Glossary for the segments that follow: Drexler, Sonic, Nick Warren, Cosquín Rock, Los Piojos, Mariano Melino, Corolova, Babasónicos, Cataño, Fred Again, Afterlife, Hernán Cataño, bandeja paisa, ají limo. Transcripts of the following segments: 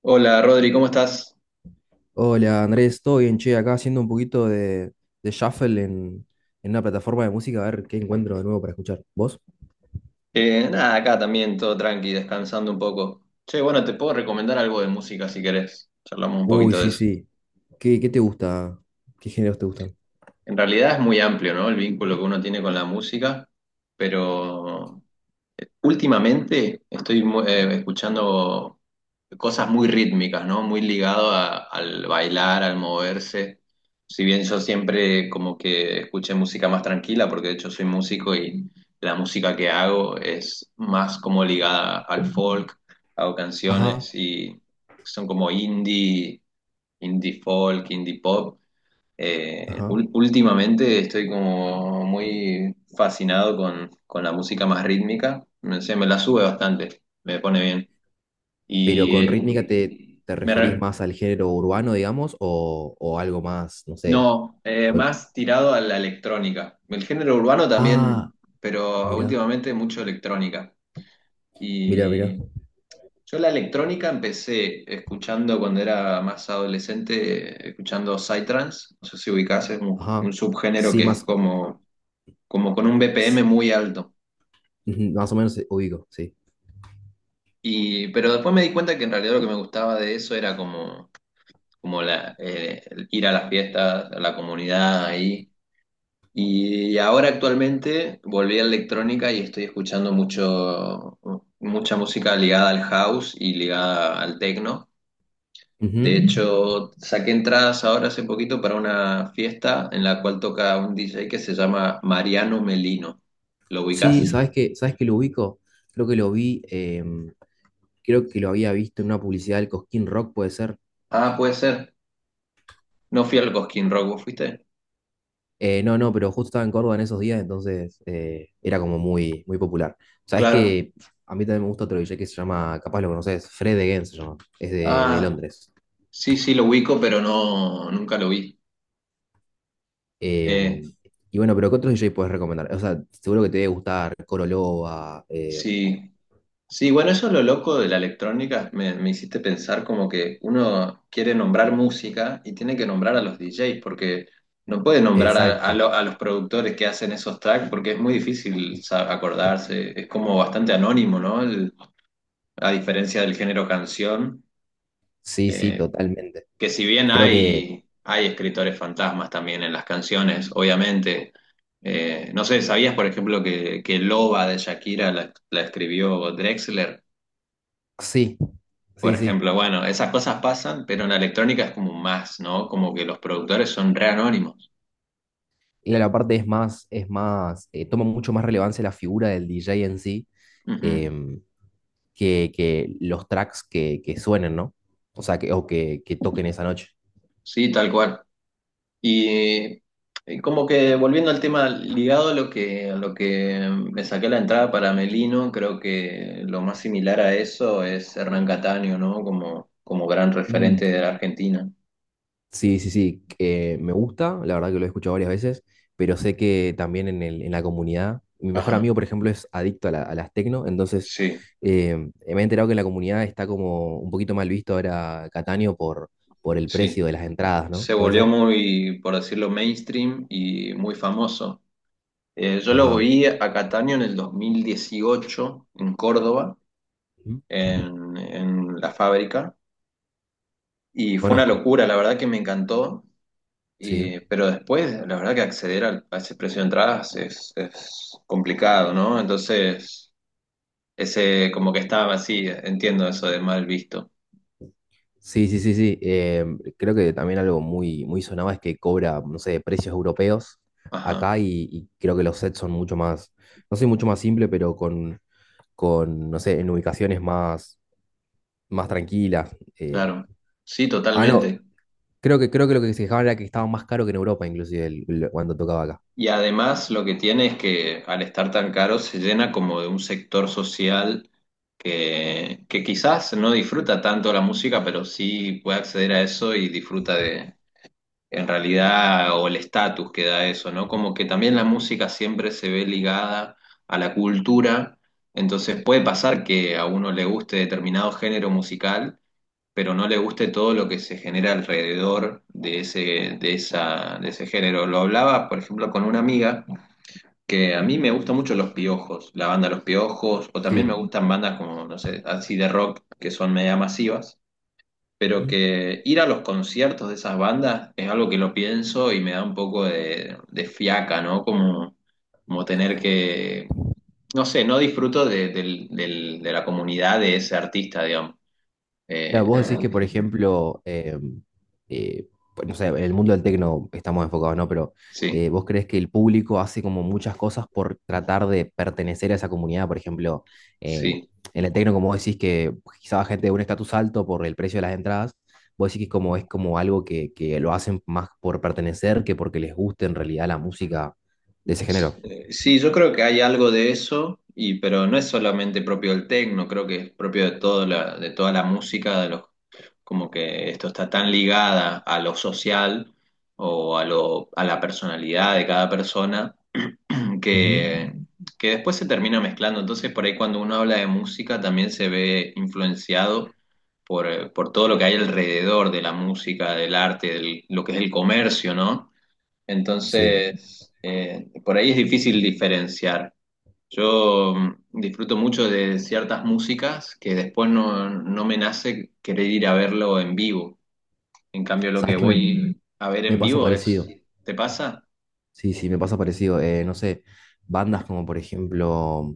Hola Rodri, ¿cómo estás? Hola Andrés, ¿todo bien? Che, acá haciendo un poquito de shuffle en una plataforma de música, a ver qué encuentro de nuevo para escuchar. ¿Vos? Nada, acá también todo tranqui, descansando un poco. Che, bueno, te puedo recomendar algo de música si querés. Charlamos un Uy, poquito de sí, eso. sí. ¿Qué te gusta? ¿Qué géneros te gustan? En realidad es muy amplio, ¿no? El vínculo que uno tiene con la música, pero últimamente estoy escuchando cosas muy rítmicas, ¿no? Muy ligado al bailar, al moverse. Si bien yo siempre como que escuché música más tranquila, porque de hecho soy músico y la música que hago es más como ligada al folk, hago Ajá, canciones y son como indie, indie folk, indie pop. Ajá. Últimamente estoy como muy fascinado con la música más rítmica. Se me la sube bastante, me pone bien. Pero Y con rítmica eh, te me referís re- más al género urbano, digamos, o algo más, no sé. no, ¿Folk? más tirado a la electrónica. El género urbano Ah, también, pero mira, últimamente mucho electrónica. mira, mira. Y yo la electrónica empecé escuchando cuando era más adolescente, escuchando psytrance. No sé si ubicás, es un, Ajá. un subgénero Sí, que es más, como con un BPM s- muy alto. ujú, más o menos ubico, sí. Pero después me di cuenta que en realidad lo que me gustaba de eso era como el ir a las fiestas, a la comunidad ahí. Y ahora actualmente volví a electrónica y estoy escuchando mucha música ligada al house y ligada al techno. De Ujú. hecho, saqué entradas ahora hace poquito para una fiesta en la cual toca un DJ que se llama Mariano Melino. ¿Lo ubicás? Sí, ¿sabes qué? ¿Sabes qué? Lo ubico. Creo que lo vi. Creo que lo había visto en una publicidad del Cosquín Rock, puede ser. Ah, puede ser. No fui al Cosquín Rock, ¿vos fuiste? No, no, pero justo estaba en Córdoba en esos días, entonces era como muy, muy popular. Sabes Claro. que a mí también me gusta otro DJ que se llama, capaz lo conoces, Fred Again se llama, es de Ah, Londres. sí, sí, lo ubico, pero no, nunca lo vi. Eh, Eh, y bueno, pero ¿qué otro DJ puedes recomendar? O sea, seguro que te debe gustar Corolova, sí, sí, bueno, eso es lo loco de la electrónica. Me hiciste pensar como que uno quiere nombrar música y tiene que nombrar a los DJs, porque no puede nombrar exacto, a los productores que hacen esos tracks, porque es muy difícil acordarse. Es como bastante anónimo, ¿no? A diferencia del género canción. sí, sí, eh, totalmente. que si bien Creo que hay escritores fantasmas también en las canciones, obviamente, no sé, ¿sabías, por ejemplo, que Loba de Shakira la escribió Drexler? sí, Por sí, sí. ejemplo, bueno, esas cosas pasan, pero en la electrónica es como más, ¿no? Como que los productores son re anónimos. Y la parte es más, toma mucho más relevancia la figura del DJ en sí. Ujú. em, que los tracks que suenen, ¿no? O sea, que, o que, que toquen esa noche. Sí, tal cual. Y eh, Como que volviendo al tema ligado a lo que me saqué la entrada para Melino, creo que lo más similar a eso es Hernán Cataño, ¿no? Como gran Mm, referente de la Argentina. sí, sí, sí, que me gusta, la verdad que lo he escuchado varias veces, pero sé que también en la comunidad, mi mejor Ajá, amigo, por ejemplo, es adicto a, a las tecno, entonces sí, eh, me he enterado que en la comunidad está como un poquito mal visto ahora Cataño por el sí. precio de las entradas, ¿no? Se ¿Puede volvió ser? muy, por decirlo, mainstream y muy famoso. Yo lo Ajá. vi a Cataño en el 2018 en Córdoba, Ujú. en la fábrica, y fue una Conozco, locura, la verdad que me encantó. sí. Pero después, la verdad que acceder a ese precio de entradas es complicado, ¿no? Entonces, ese como que estaba así, entiendo eso de mal visto. Sí, sí, sí, sí. Creo que también algo muy, muy sonado es que cobra, no sé, precios europeos Ajá, acá y creo que los sets son mucho más, no sé, mucho más simple, pero con, no sé, en ubicaciones más, más tranquilas. Claro. Sí, Ah, no, totalmente. Creo que lo que se quejaban era que estaba más caro que en Europa, inclusive, cuando tocaba acá. Y además lo que tiene es que al estar tan caro se llena como de un sector social que quizás no disfruta tanto la música, pero sí puede acceder a eso y disfruta de en realidad, o el estatus que da eso, ¿no? Como que también la música siempre se ve ligada a la cultura, entonces puede pasar que a uno le guste determinado género musical, pero no le guste todo lo que se genera alrededor de de ese género. Lo hablaba, por ejemplo, con una amiga que a mí me gustan mucho Los Piojos, la banda Los Piojos, o también me Sí. gustan bandas como, no sé, así de rock, que son media masivas pero Ujú. que ir a los conciertos de esas bandas es algo que lo pienso y me da un poco de fiaca, ¿no? Como tener que, no sé, no disfruto de la comunidad de ese artista, digamos. Claro, vos decís Claro. que, por ejemplo, eh, pues, no sé, en el mundo del tecno estamos enfocados, ¿no? Pero Sí, vos crees que el público hace como muchas cosas por tratar de pertenecer a esa comunidad, por ejemplo, eh, sí. en el tecno, como vos decís que quizá va gente de un estatus alto por el precio de las entradas, vos decís que como, es como algo que lo hacen más por pertenecer que porque les guste en realidad la música de ese género. Sí, yo creo que hay algo de eso, pero no es solamente propio del techno. Creo que es propio de toda la música, de los, como que esto está tan ligada a lo social o a la personalidad de cada persona, Ujú, que, que después se termina mezclando. Entonces, por ahí cuando uno habla de música también se ve influenciado por todo lo que hay alrededor de la música, del arte, de lo que es el comercio, ¿no? sí, Entonces, por ahí es difícil diferenciar. Yo disfruto mucho de ciertas músicas que después no me nace querer ir a verlo en vivo. En cambio, lo sabes que que voy a ver me en pasa vivo es. parecido. ¿Te pasa? Sí, sí, me pasa parecido. No sé, bandas como por ejemplo,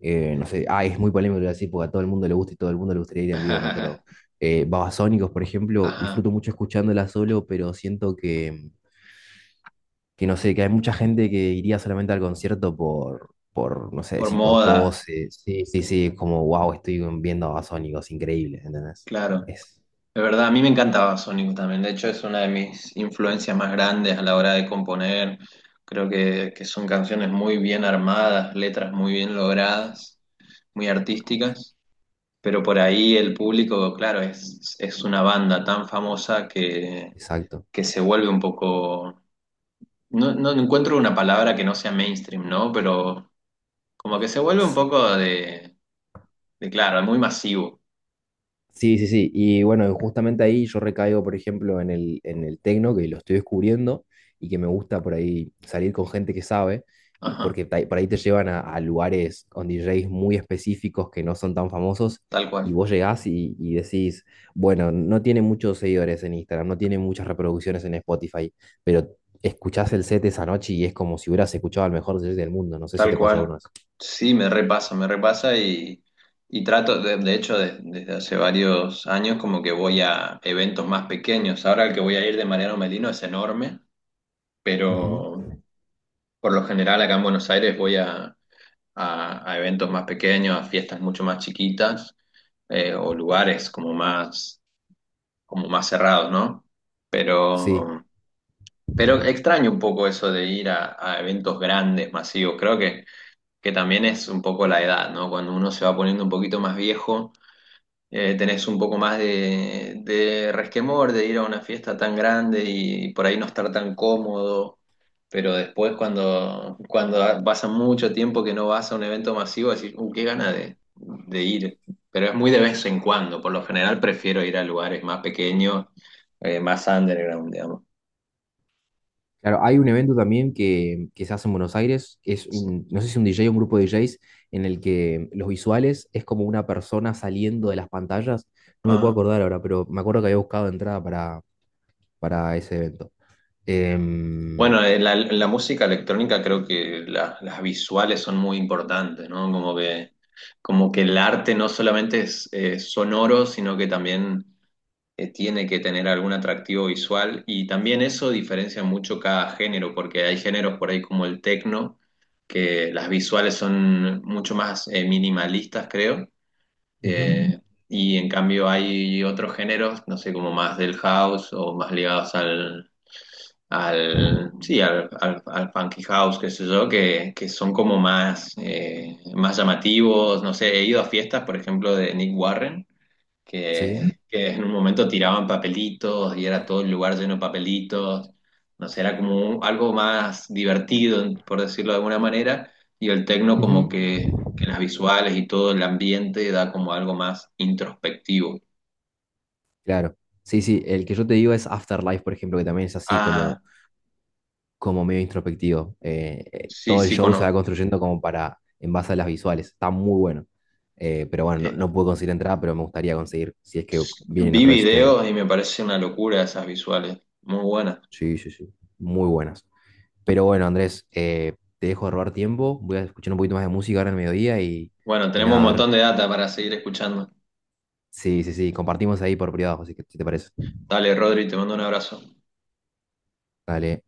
no sé, ah, es muy polémico lo que voy a decir porque a todo el mundo le gusta y todo el mundo le gustaría ir en vivo, ¿no? Pero Babasónicos, por ejemplo, Ajá, disfruto mucho escuchándola solo, pero siento que no sé, que hay mucha gente que iría solamente al concierto por no sé, por si por moda, poses. Sí, sí, sí, es como, wow, estoy viendo a Babasónicos, increíble, ¿entendés? claro. Es, De verdad, a mí me encantaba Sonic también. De hecho, es una de mis influencias más grandes a la hora de componer. Creo que son canciones muy bien armadas, letras muy bien logradas, muy artísticas. Pero por ahí el público, claro, es una banda tan famosa que, exacto. que se vuelve un poco, no encuentro una palabra que no sea mainstream, ¿no? Pero como que se vuelve un poco de claro, muy masivo. Sí, sí, sí. Y bueno, justamente ahí yo recaigo, por ejemplo, en el tecno, que lo estoy descubriendo y que me gusta por ahí salir con gente que sabe, Ajá, porque por ahí te llevan a lugares con DJs muy específicos que no son tan famosos tal y cual, vos llegás y decís, bueno, no tiene muchos seguidores en Instagram, no tiene muchas reproducciones en Spotify, pero escuchás el set esa noche y es como si hubieras escuchado al mejor DJ del mundo. No sé si tal te pasa alguna cual. vez. Sí, me repasa y trato, de hecho, desde hace varios años como que voy a eventos más pequeños. Ahora el que voy a ir de Mariano Melino es enorme, Ujú. pero por lo general acá en Buenos Aires voy a eventos más pequeños, a fiestas mucho más chiquitas o lugares como más cerrados, ¿no? Sí. Pero, pero extraño un poco eso de ir a eventos grandes, masivos. Creo que también es un poco la edad, ¿no? Cuando uno se va poniendo un poquito más viejo, tenés un poco más de resquemor de ir a una fiesta tan grande y por ahí no estar tan cómodo, pero después cuando pasa mucho tiempo que no vas a un evento masivo, decís, qué gana de ir, pero es muy de vez en cuando, por lo general prefiero ir a lugares más pequeños, más underground, digamos. Claro, hay un evento también que se hace en Buenos Aires, que es un, no sé si un DJ o un grupo de DJs, en el que los visuales es como una persona saliendo de las pantallas. No me puedo Ah. acordar ahora, pero me acuerdo que había buscado entrada para ese evento. Bueno, Em, en la música electrónica creo que las visuales son muy importantes, ¿no? Como que el arte no solamente es sonoro, sino que también tiene que tener algún atractivo visual. Y también eso diferencia mucho cada género, porque hay géneros por ahí como el techno, que las visuales son mucho más minimalistas, creo. ujú, Eh, y en cambio hay otros géneros, no sé, como más del house o más ligados sí, al funky house, qué sé yo, que son como más llamativos. No sé, he ido a fiestas, por ejemplo, de Nick Warren, que, sí, que en un momento tiraban papelitos y era todo el lugar lleno de papelitos. No sé, era como algo más divertido, por decirlo de alguna manera, y el techno como ujú, que, que las visuales y todo el ambiente da como algo más introspectivo. claro. Sí, sí, el que yo te digo es Afterlife, por ejemplo, que también es así Ah, como como medio introspectivo. Sí, Todo el sí, show se va conozco. construyendo como para, en base a las visuales. Está muy bueno. Pero bueno, no, no pude conseguir entrada, pero me gustaría conseguir si es que vienen Vi otra vez este año. videos y me parece una locura esas visuales. Muy buenas. Sí, sí, sí. Muy buenas. Pero bueno, Andrés, te dejo de robar tiempo. Voy a escuchar un poquito más de música ahora en el mediodía Bueno, y tenemos un nada, a ver. montón de data para seguir escuchando. Sí, sí, sí. Compartimos ahí por privado, así que si te parece. Dale, Rodri, te mando un abrazo. Dale.